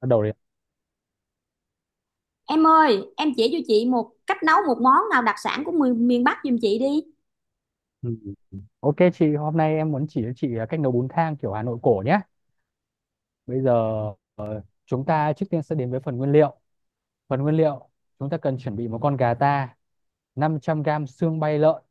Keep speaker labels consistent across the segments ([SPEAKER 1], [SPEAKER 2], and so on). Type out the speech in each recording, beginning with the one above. [SPEAKER 1] Bắt đầu đi.
[SPEAKER 2] Em ơi, em chỉ cho chị một cách nấu một món nào đặc sản của miền Bắc giùm chị đi.
[SPEAKER 1] Ừ. Ừ, ok chị, hôm nay em muốn chỉ cho chị cách nấu bún thang kiểu Hà Nội cổ nhé. Bây giờ chúng ta trước tiên sẽ đến với phần nguyên liệu. Phần nguyên liệu, chúng ta cần chuẩn bị một con gà ta, 500 gam xương bay lợn,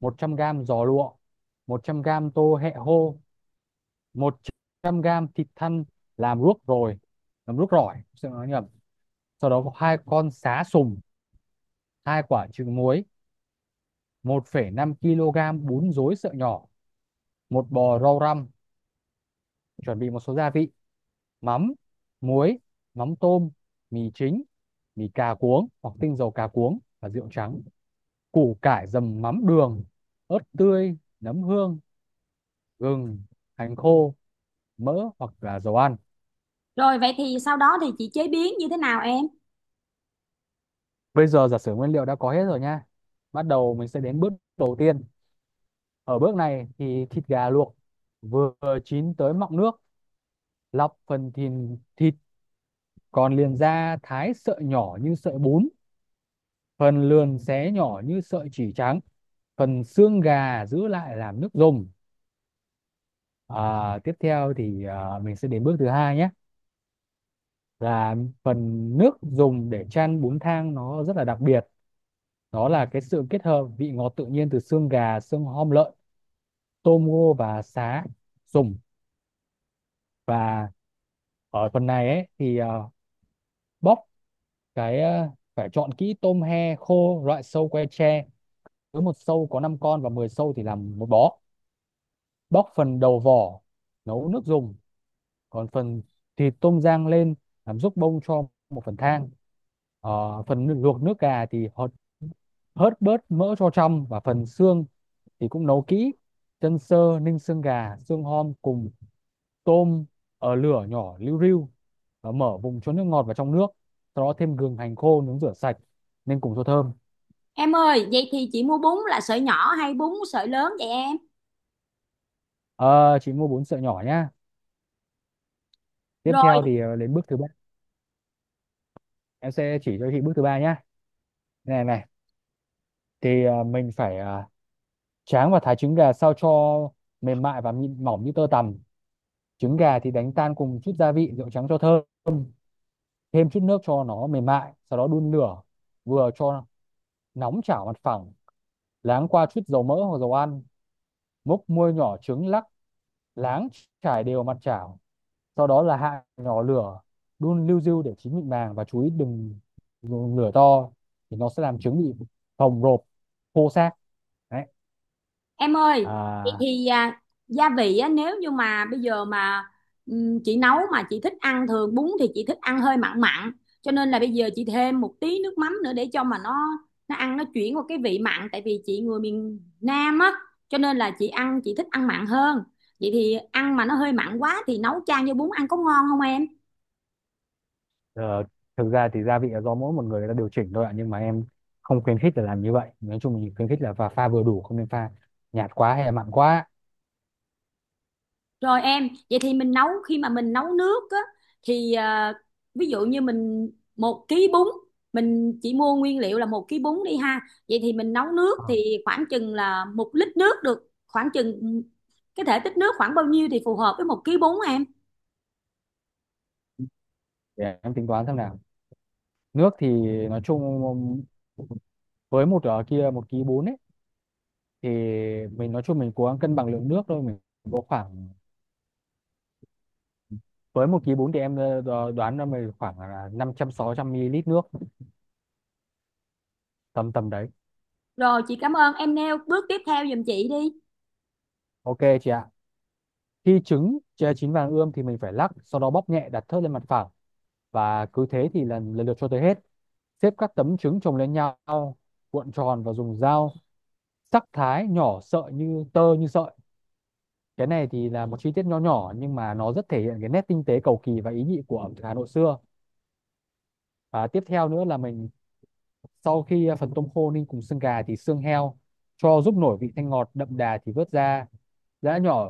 [SPEAKER 1] 100 gam giò lụa, 100 gam tô hẹ hô, 100 gam thịt thăn làm ruốc rồi, làm ruốc rỏi xin nói nhầm. Sau đó có hai con sá sùng, hai quả trứng muối, 1,5 kg bún rối sợi nhỏ, một bò rau răm. Chuẩn bị một số gia vị: mắm, muối, mắm tôm, mì chính, mì cà cuống hoặc tinh dầu cà cuống và rượu trắng, củ cải dầm mắm đường, ớt tươi, nấm hương, gừng, hành khô, mỡ hoặc là dầu ăn.
[SPEAKER 2] Rồi vậy thì sau đó thì chị chế biến như thế nào em?
[SPEAKER 1] Bây giờ giả sử nguyên liệu đã có hết rồi nha, bắt đầu mình sẽ đến bước đầu tiên. Ở bước này thì thịt gà luộc vừa chín tới mọng nước, lọc phần thịt còn liền ra thái sợi nhỏ như sợi bún, phần lườn xé nhỏ như sợi chỉ trắng, phần xương gà giữ lại làm nước dùng. Tiếp theo thì mình sẽ đến bước thứ hai nhé, là phần nước dùng để chan bún thang nó rất là đặc biệt. Đó là cái sự kết hợp vị ngọt tự nhiên từ xương gà, xương hom lợn, tôm ngô và sá dùng. Và ở phần này ấy thì bóc cái, phải chọn kỹ tôm he khô loại sâu que tre, cứ một sâu có 5 con và 10 sâu thì làm một bó. Bóc phần đầu vỏ nấu nước dùng, còn phần thịt tôm rang lên làm giúp bông cho một phần thang. Ờ, phần luộc nước gà thì hớt, hớt bớt mỡ cho trong, và phần xương thì cũng nấu kỹ. Chân sơ ninh xương gà, xương hom cùng tôm ở lửa nhỏ liu riu, và mở vùng cho nước ngọt vào trong nước. Sau đó thêm gừng, hành khô nướng rửa sạch nên cùng cho thơm.
[SPEAKER 2] Em ơi, vậy thì chị mua bún là sợi nhỏ hay bún sợi lớn vậy em?
[SPEAKER 1] Ờ, chị mua bốn sợi nhỏ nhá. Tiếp theo thì đến bước thứ ba, em sẽ chỉ cho chị bước thứ ba nhá. Này này thì mình phải tráng và thái trứng gà sao cho mềm mại và mịn mỏng như tơ tằm. Trứng gà thì đánh tan cùng chút gia vị, rượu trắng cho thơm, thêm chút nước cho nó mềm mại, sau đó đun lửa vừa cho nóng chảo mặt phẳng, láng qua chút dầu mỡ hoặc dầu ăn, múc muôi nhỏ trứng lắc láng trải đều mặt chảo. Sau đó là hạ nhỏ lửa, đun liu riu để chín mịn màng, và chú ý đừng dùng lửa to thì nó sẽ làm trứng bị phồng rộp, khô xác đấy.
[SPEAKER 2] Em ơi, thì,
[SPEAKER 1] à,
[SPEAKER 2] thì à, gia vị á, nếu như mà bây giờ mà chị nấu mà chị thích ăn thường bún thì chị thích ăn hơi mặn mặn, cho nên là bây giờ chị thêm một tí nước mắm nữa để cho mà nó ăn nó chuyển qua cái vị mặn tại vì chị người miền Nam á, cho nên là chị ăn chị thích ăn mặn hơn. Vậy thì ăn mà nó hơi mặn quá thì nấu chan với bún ăn có ngon không em?
[SPEAKER 1] Ờ, thực ra thì gia vị là do mỗi một người, người ta điều chỉnh thôi ạ, nhưng mà em không khuyến khích là làm như vậy. Nói chung mình khuyến khích là pha pha vừa đủ, không nên pha nhạt quá hay là mặn quá.
[SPEAKER 2] Rồi em, vậy thì mình nấu khi mà mình nấu nước á thì ví dụ như mình một ký bún, mình chỉ mua nguyên liệu là một ký bún đi ha. Vậy thì mình nấu nước
[SPEAKER 1] Ờ,
[SPEAKER 2] thì khoảng chừng là một lít nước được khoảng chừng cái thể tích nước khoảng bao nhiêu thì phù hợp với một ký bún em.
[SPEAKER 1] để em tính toán xem nào. Nước thì nói chung với một, ở kia một ký bốn ấy, thì mình nói chung mình cố gắng cân bằng lượng nước thôi, mình có khoảng, với một ký bốn thì em đoán là mình khoảng là năm trăm sáu trăm ml nước, tầm tầm đấy.
[SPEAKER 2] Rồi chị cảm ơn em nêu bước tiếp theo giùm chị đi.
[SPEAKER 1] Ok chị ạ. Khi trứng chế chín vàng ươm thì mình phải lắc, sau đó bóp nhẹ đặt thớt lên mặt phẳng, và cứ thế thì lần lần lượt cho tới hết, xếp các tấm trứng chồng lên nhau, cuộn tròn và dùng dao sắc thái nhỏ sợi như tơ như sợi. Cái này thì là một chi tiết nho nhỏ nhưng mà nó rất thể hiện cái nét tinh tế, cầu kỳ và ý nhị của ẩm thực Hà Nội xưa. Và tiếp theo nữa là mình, sau khi phần tôm khô ninh cùng xương gà thì xương heo cho giúp nổi vị thanh ngọt đậm đà thì vớt ra giã nhỏ,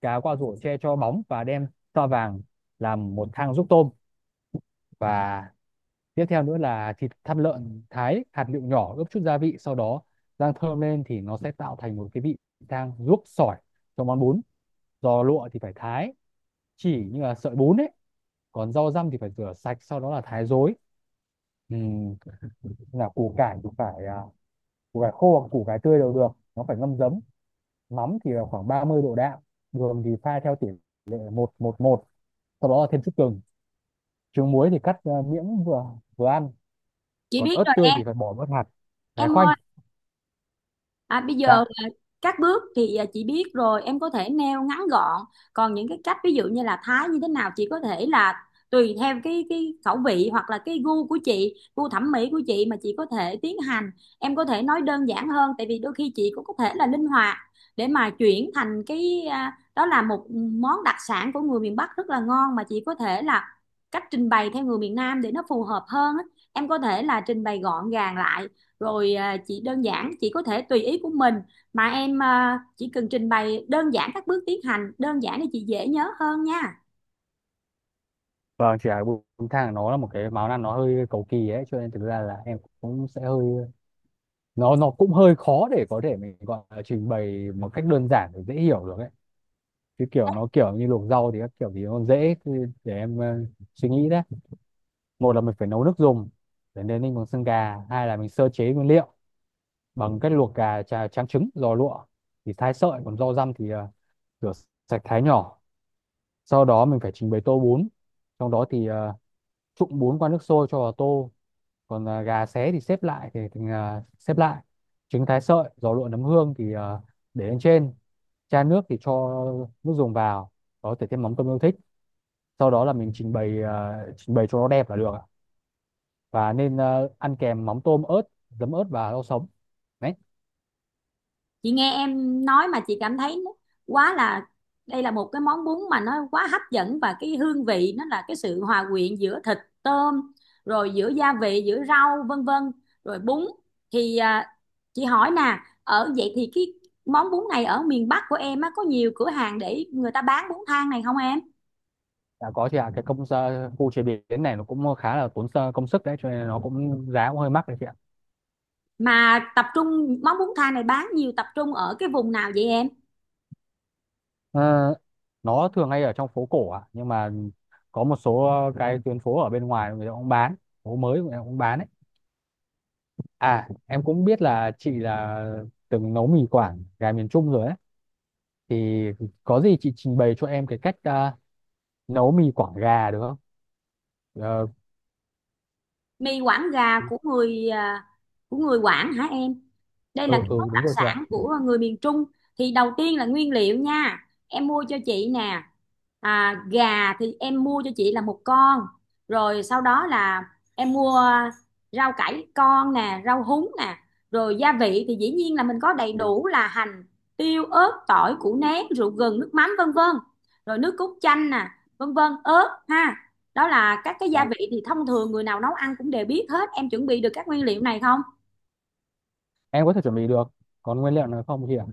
[SPEAKER 1] cá qua rổ che cho bóng và đem sao vàng làm một thang giúp tôm. Và tiếp theo nữa là thịt thăn lợn thái hạt lựu nhỏ, ướp chút gia vị, sau đó rang thơm lên thì nó sẽ tạo thành một cái vị thang ruốc sỏi cho món bún. Giò lụa thì phải thái chỉ như là sợi bún ấy. Còn rau răm thì phải rửa sạch sau đó là thái rối. Ừ, là củ cải thì phải, củ cải khô hoặc củ cải tươi đều được, nó phải ngâm giấm. Mắm thì là khoảng 30 độ đạm, đường thì pha theo tỷ lệ một một một. Sau đó là thêm chút gừng. Trứng muối thì cắt miếng vừa vừa ăn.
[SPEAKER 2] Chị
[SPEAKER 1] Còn
[SPEAKER 2] biết
[SPEAKER 1] ớt
[SPEAKER 2] rồi
[SPEAKER 1] tươi
[SPEAKER 2] em.
[SPEAKER 1] thì phải bỏ bớt hạt, thái
[SPEAKER 2] Em
[SPEAKER 1] khoanh.
[SPEAKER 2] ơi, bây giờ
[SPEAKER 1] Dạ
[SPEAKER 2] các bước thì chị biết rồi, em có thể neo ngắn gọn, còn những cái cách ví dụ như là thái như thế nào chị có thể là tùy theo cái khẩu vị hoặc là cái gu của chị, gu thẩm mỹ của chị mà chị có thể tiến hành. Em có thể nói đơn giản hơn, tại vì đôi khi chị cũng có thể là linh hoạt để mà chuyển thành cái đó là một món đặc sản của người miền Bắc rất là ngon, mà chị có thể là cách trình bày theo người miền Nam để nó phù hợp hơn á. Em có thể là trình bày gọn gàng lại, rồi chị đơn giản chị có thể tùy ý của mình. Mà em chỉ cần trình bày đơn giản các bước tiến hành đơn giản để chị dễ nhớ hơn nha.
[SPEAKER 1] vâng chỉ là bún thang nó là một cái món ăn nó hơi cầu kỳ ấy, cho nên thực ra là em cũng sẽ hơi, nó cũng hơi khó để có thể mình gọi là trình bày một cách đơn giản để dễ hiểu được ấy, chứ kiểu nó kiểu như luộc rau thì các kiểu thì nó dễ. Cứ để em suy nghĩ đấy. Một là mình phải nấu nước dùng để nên ninh bằng xương gà, hai là mình sơ chế nguyên liệu bằng cách luộc gà trà, tráng trứng, giò lụa thì thái sợi, còn rau răm thì rửa sạch thái nhỏ. Sau đó mình phải trình bày tô bún, trong đó thì trụng bốn qua nước sôi cho vào tô, còn gà xé thì xếp lại, xếp lại, trứng thái sợi, giò lụa, nấm hương thì để lên trên. Chan nước thì cho nước dùng vào, có thể thêm mắm tôm yêu thích. Sau đó là mình trình bày, trình bày cho nó đẹp là được ạ. Và nên ăn kèm mắm tôm ớt, giấm ớt và rau sống đấy.
[SPEAKER 2] Chị nghe em nói mà chị cảm thấy quá là, đây là một cái món bún mà nó quá hấp dẫn và cái hương vị nó là cái sự hòa quyện giữa thịt, tôm, rồi giữa gia vị, giữa rau vân vân, rồi bún. Thì chị hỏi nè, ở vậy thì cái món bún này ở miền Bắc của em á, có nhiều cửa hàng để người ta bán bún thang này không em?
[SPEAKER 1] Đã có chị ạ. Cái khu chế biến này nó cũng khá là tốn công sức đấy, cho nên nó cũng giá cũng hơi mắc đấy chị ạ.
[SPEAKER 2] Mà tập trung món bún thang này bán nhiều tập trung ở cái vùng nào vậy em?
[SPEAKER 1] Ờ, nó thường hay ở trong phố cổ ạ, nhưng mà có một số cái tuyến phố ở bên ngoài người ta cũng bán, phố mới người ta cũng bán ấy. À, em cũng biết là chị là từng nấu mì Quảng gà miền Trung rồi ấy, thì có gì chị trình bày cho em cái cách nấu mì Quảng gà được không? Ờ.
[SPEAKER 2] Mì Quảng gà của người của người Quảng hả em? Đây là
[SPEAKER 1] ừ
[SPEAKER 2] cái
[SPEAKER 1] ừ
[SPEAKER 2] món đặc
[SPEAKER 1] đúng rồi chị ạ.
[SPEAKER 2] sản của người miền Trung. Thì đầu tiên là nguyên liệu nha, em mua cho chị nè. À, gà thì em mua cho chị là một con, rồi sau đó là em mua rau cải con nè, rau húng nè, rồi gia vị thì dĩ nhiên là mình có đầy đủ là hành, tiêu, ớt, tỏi, củ nén, rượu, gừng, nước mắm vân vân, rồi nước cốt chanh nè, vân vân, ớt ha. Đó là các cái
[SPEAKER 1] Dạ,
[SPEAKER 2] gia vị thì thông thường người nào nấu ăn cũng đều biết hết. Em chuẩn bị được các nguyên liệu này không?
[SPEAKER 1] em có thể chuẩn bị được, còn nguyên liệu nào không chị ạ?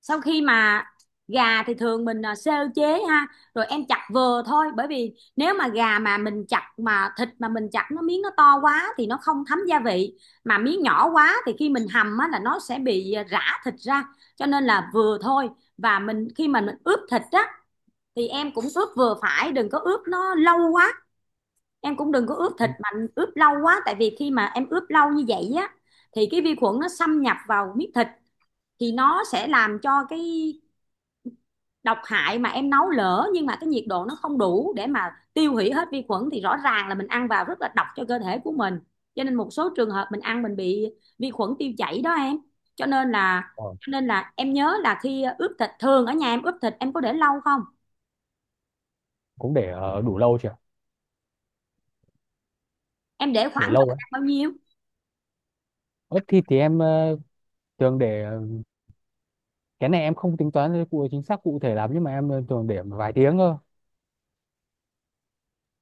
[SPEAKER 2] Sau khi mà gà thì thường mình sơ chế ha, rồi em chặt vừa thôi, bởi vì nếu mà gà mà mình chặt mà thịt mà mình chặt nó miếng nó to quá thì nó không thấm gia vị, mà miếng nhỏ quá thì khi mình hầm á, là nó sẽ bị rã thịt ra, cho nên là vừa thôi. Và mình khi mà mình ướp thịt á, thì em cũng ướp vừa phải, đừng có ướp nó lâu quá. Em cũng đừng có ướp thịt mà ướp lâu quá, tại vì khi mà em ướp lâu như vậy á, thì cái vi khuẩn nó xâm nhập vào miếng thịt thì nó sẽ làm cho cái độc hại, mà em nấu lỡ nhưng mà cái nhiệt độ nó không đủ để mà tiêu hủy hết vi khuẩn thì rõ ràng là mình ăn vào rất là độc cho cơ thể của mình. Cho nên một số trường hợp mình ăn mình bị vi khuẩn tiêu chảy đó em. cho nên là
[SPEAKER 1] Ờ,
[SPEAKER 2] cho nên là em nhớ là khi ướp thịt, thường ở nhà em ướp thịt em có để lâu không?
[SPEAKER 1] cũng để đủ lâu chị ạ.
[SPEAKER 2] Em để khoảng
[SPEAKER 1] Để lâu
[SPEAKER 2] thời
[SPEAKER 1] ấy,
[SPEAKER 2] gian bao nhiêu?
[SPEAKER 1] ướp thịt thì em thường để, cái này em không tính toán cụ chính xác cụ thể lắm, nhưng mà em thường để vài tiếng cơ.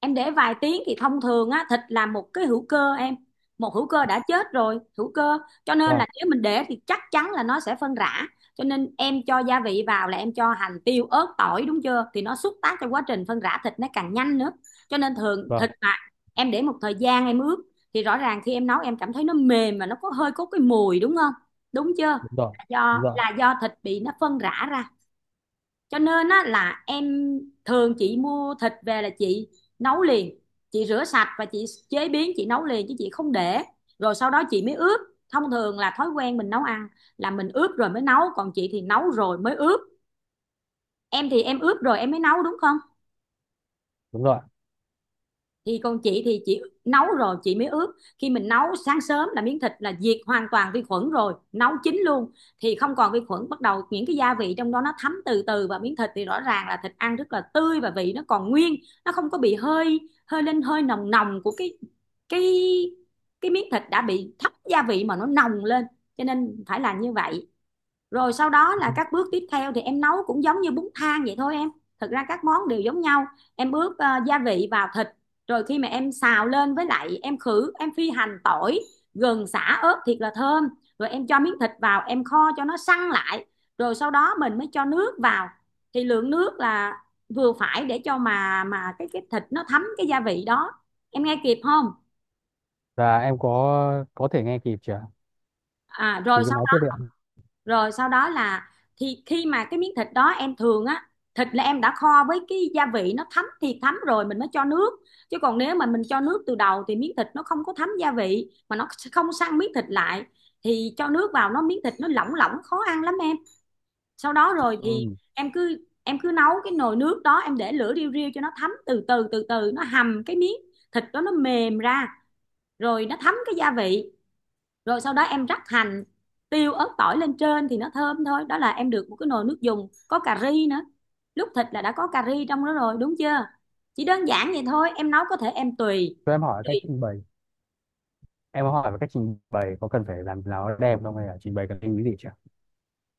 [SPEAKER 2] Em để vài tiếng thì thông thường á, thịt là một cái hữu cơ em, một hữu cơ đã chết rồi, hữu cơ, cho nên
[SPEAKER 1] Vâng.
[SPEAKER 2] là nếu mình để thì chắc chắn là nó sẽ phân rã. Cho nên em cho gia vị vào là em cho hành, tiêu, ớt, tỏi, đúng chưa, thì nó xúc tác cho quá trình phân rã thịt nó càng nhanh nữa. Cho nên thường thịt
[SPEAKER 1] Vâng.
[SPEAKER 2] mà em để một thời gian em ướp thì rõ ràng khi em nấu em cảm thấy nó mềm mà nó có hơi, có cái mùi, đúng không, đúng chưa?
[SPEAKER 1] Đúng rồi.
[SPEAKER 2] Là
[SPEAKER 1] Đúng
[SPEAKER 2] do,
[SPEAKER 1] rồi.
[SPEAKER 2] là do thịt bị nó phân rã ra. Cho nên á, là em, thường chị mua thịt về là chị nấu liền, chị rửa sạch và chị chế biến chị nấu liền, chứ chị không để rồi sau đó chị mới ướp. Thông thường là thói quen mình nấu ăn là mình ướp rồi mới nấu, còn chị thì nấu rồi mới ướp. Em thì em ướp rồi em mới nấu, đúng không?
[SPEAKER 1] Đúng rồi.
[SPEAKER 2] Thì còn chị thì chị nấu rồi chị mới ướp. Khi mình nấu sáng sớm là miếng thịt là diệt hoàn toàn vi khuẩn rồi, nấu chín luôn, thì không còn vi khuẩn, bắt đầu những cái gia vị trong đó nó thấm từ từ vào miếng thịt thì rõ ràng là thịt ăn rất là tươi và vị nó còn nguyên, nó không có bị hơi, hơi lên hơi nồng nồng của cái cái miếng thịt đã bị thấm gia vị mà nó nồng lên. Cho nên phải làm như vậy. Rồi sau đó là các bước tiếp theo thì em nấu cũng giống như bún thang vậy thôi em, thực ra các món đều giống nhau. Em ướp gia vị vào thịt, rồi khi mà em xào lên, với lại em khử em phi hành, tỏi, gừng, sả, ớt thiệt là thơm, rồi em cho miếng thịt vào em kho cho nó săn lại, rồi sau đó mình mới cho nước vào. Thì lượng nước là vừa phải để cho mà cái thịt nó thấm cái gia vị đó. Em nghe kịp không?
[SPEAKER 1] Và em có thể nghe kịp chưa?
[SPEAKER 2] À
[SPEAKER 1] Chị
[SPEAKER 2] rồi
[SPEAKER 1] cứ
[SPEAKER 2] sau,
[SPEAKER 1] nói tiếp đi ạ.
[SPEAKER 2] rồi sau đó là, thì khi mà cái miếng thịt đó em thường á, thịt là em đã kho với cái gia vị nó thấm thì thấm rồi mình mới cho nước, chứ còn nếu mà mình cho nước từ đầu thì miếng thịt nó không có thấm gia vị mà nó không săn miếng thịt lại, thì cho nước vào nó, miếng thịt nó lỏng lỏng khó ăn lắm em. Sau đó rồi thì
[SPEAKER 1] Ừ.
[SPEAKER 2] em cứ nấu cái nồi nước đó, em để lửa riu riu cho nó thấm từ từ, từ từ nó hầm cái miếng thịt đó nó mềm ra, rồi nó thấm cái gia vị. Rồi sau đó em rắc hành, tiêu, ớt, tỏi lên trên thì nó thơm thôi. Đó là em được một cái nồi nước dùng có cà ri nữa, lúc thịt là đã có cà ri trong đó rồi, đúng chưa? Chỉ đơn giản vậy thôi em nấu, có thể em tùy
[SPEAKER 1] Cho em hỏi cách
[SPEAKER 2] tùy
[SPEAKER 1] trình bày, em có hỏi về cách trình bày có cần phải làm nào đẹp không, hay là trình bày cần lưu ý gì chưa?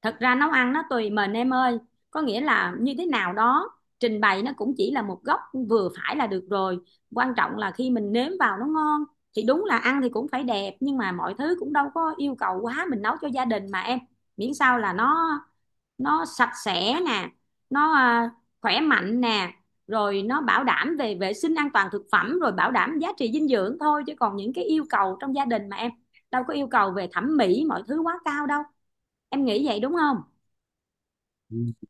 [SPEAKER 2] thật ra nấu ăn nó tùy mình em ơi, có nghĩa là như thế nào đó. Trình bày nó cũng chỉ là một góc vừa phải là được rồi, quan trọng là khi mình nếm vào nó ngon. Thì đúng là ăn thì cũng phải đẹp, nhưng mà mọi thứ cũng đâu có yêu cầu quá, mình nấu cho gia đình mà em, miễn sao là nó sạch sẽ nè, nó khỏe mạnh nè, rồi nó bảo đảm về vệ sinh an toàn thực phẩm, rồi bảo đảm giá trị dinh dưỡng thôi, chứ còn những cái yêu cầu trong gia đình mà em, đâu có yêu cầu về thẩm mỹ mọi thứ quá cao đâu. Em nghĩ vậy đúng không?
[SPEAKER 1] Ừ.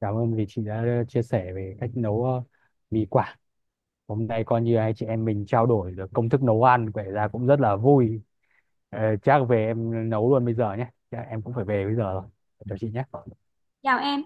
[SPEAKER 1] Cảm ơn vì chị đã chia sẻ về cách nấu mì Quảng. Hôm nay coi như hai chị em mình trao đổi được công thức nấu ăn, vậy ra cũng rất là vui. Ờ, chắc về em nấu luôn bây giờ nhé, chắc em cũng phải về bây giờ rồi. Chào chị nhé.
[SPEAKER 2] Chào em.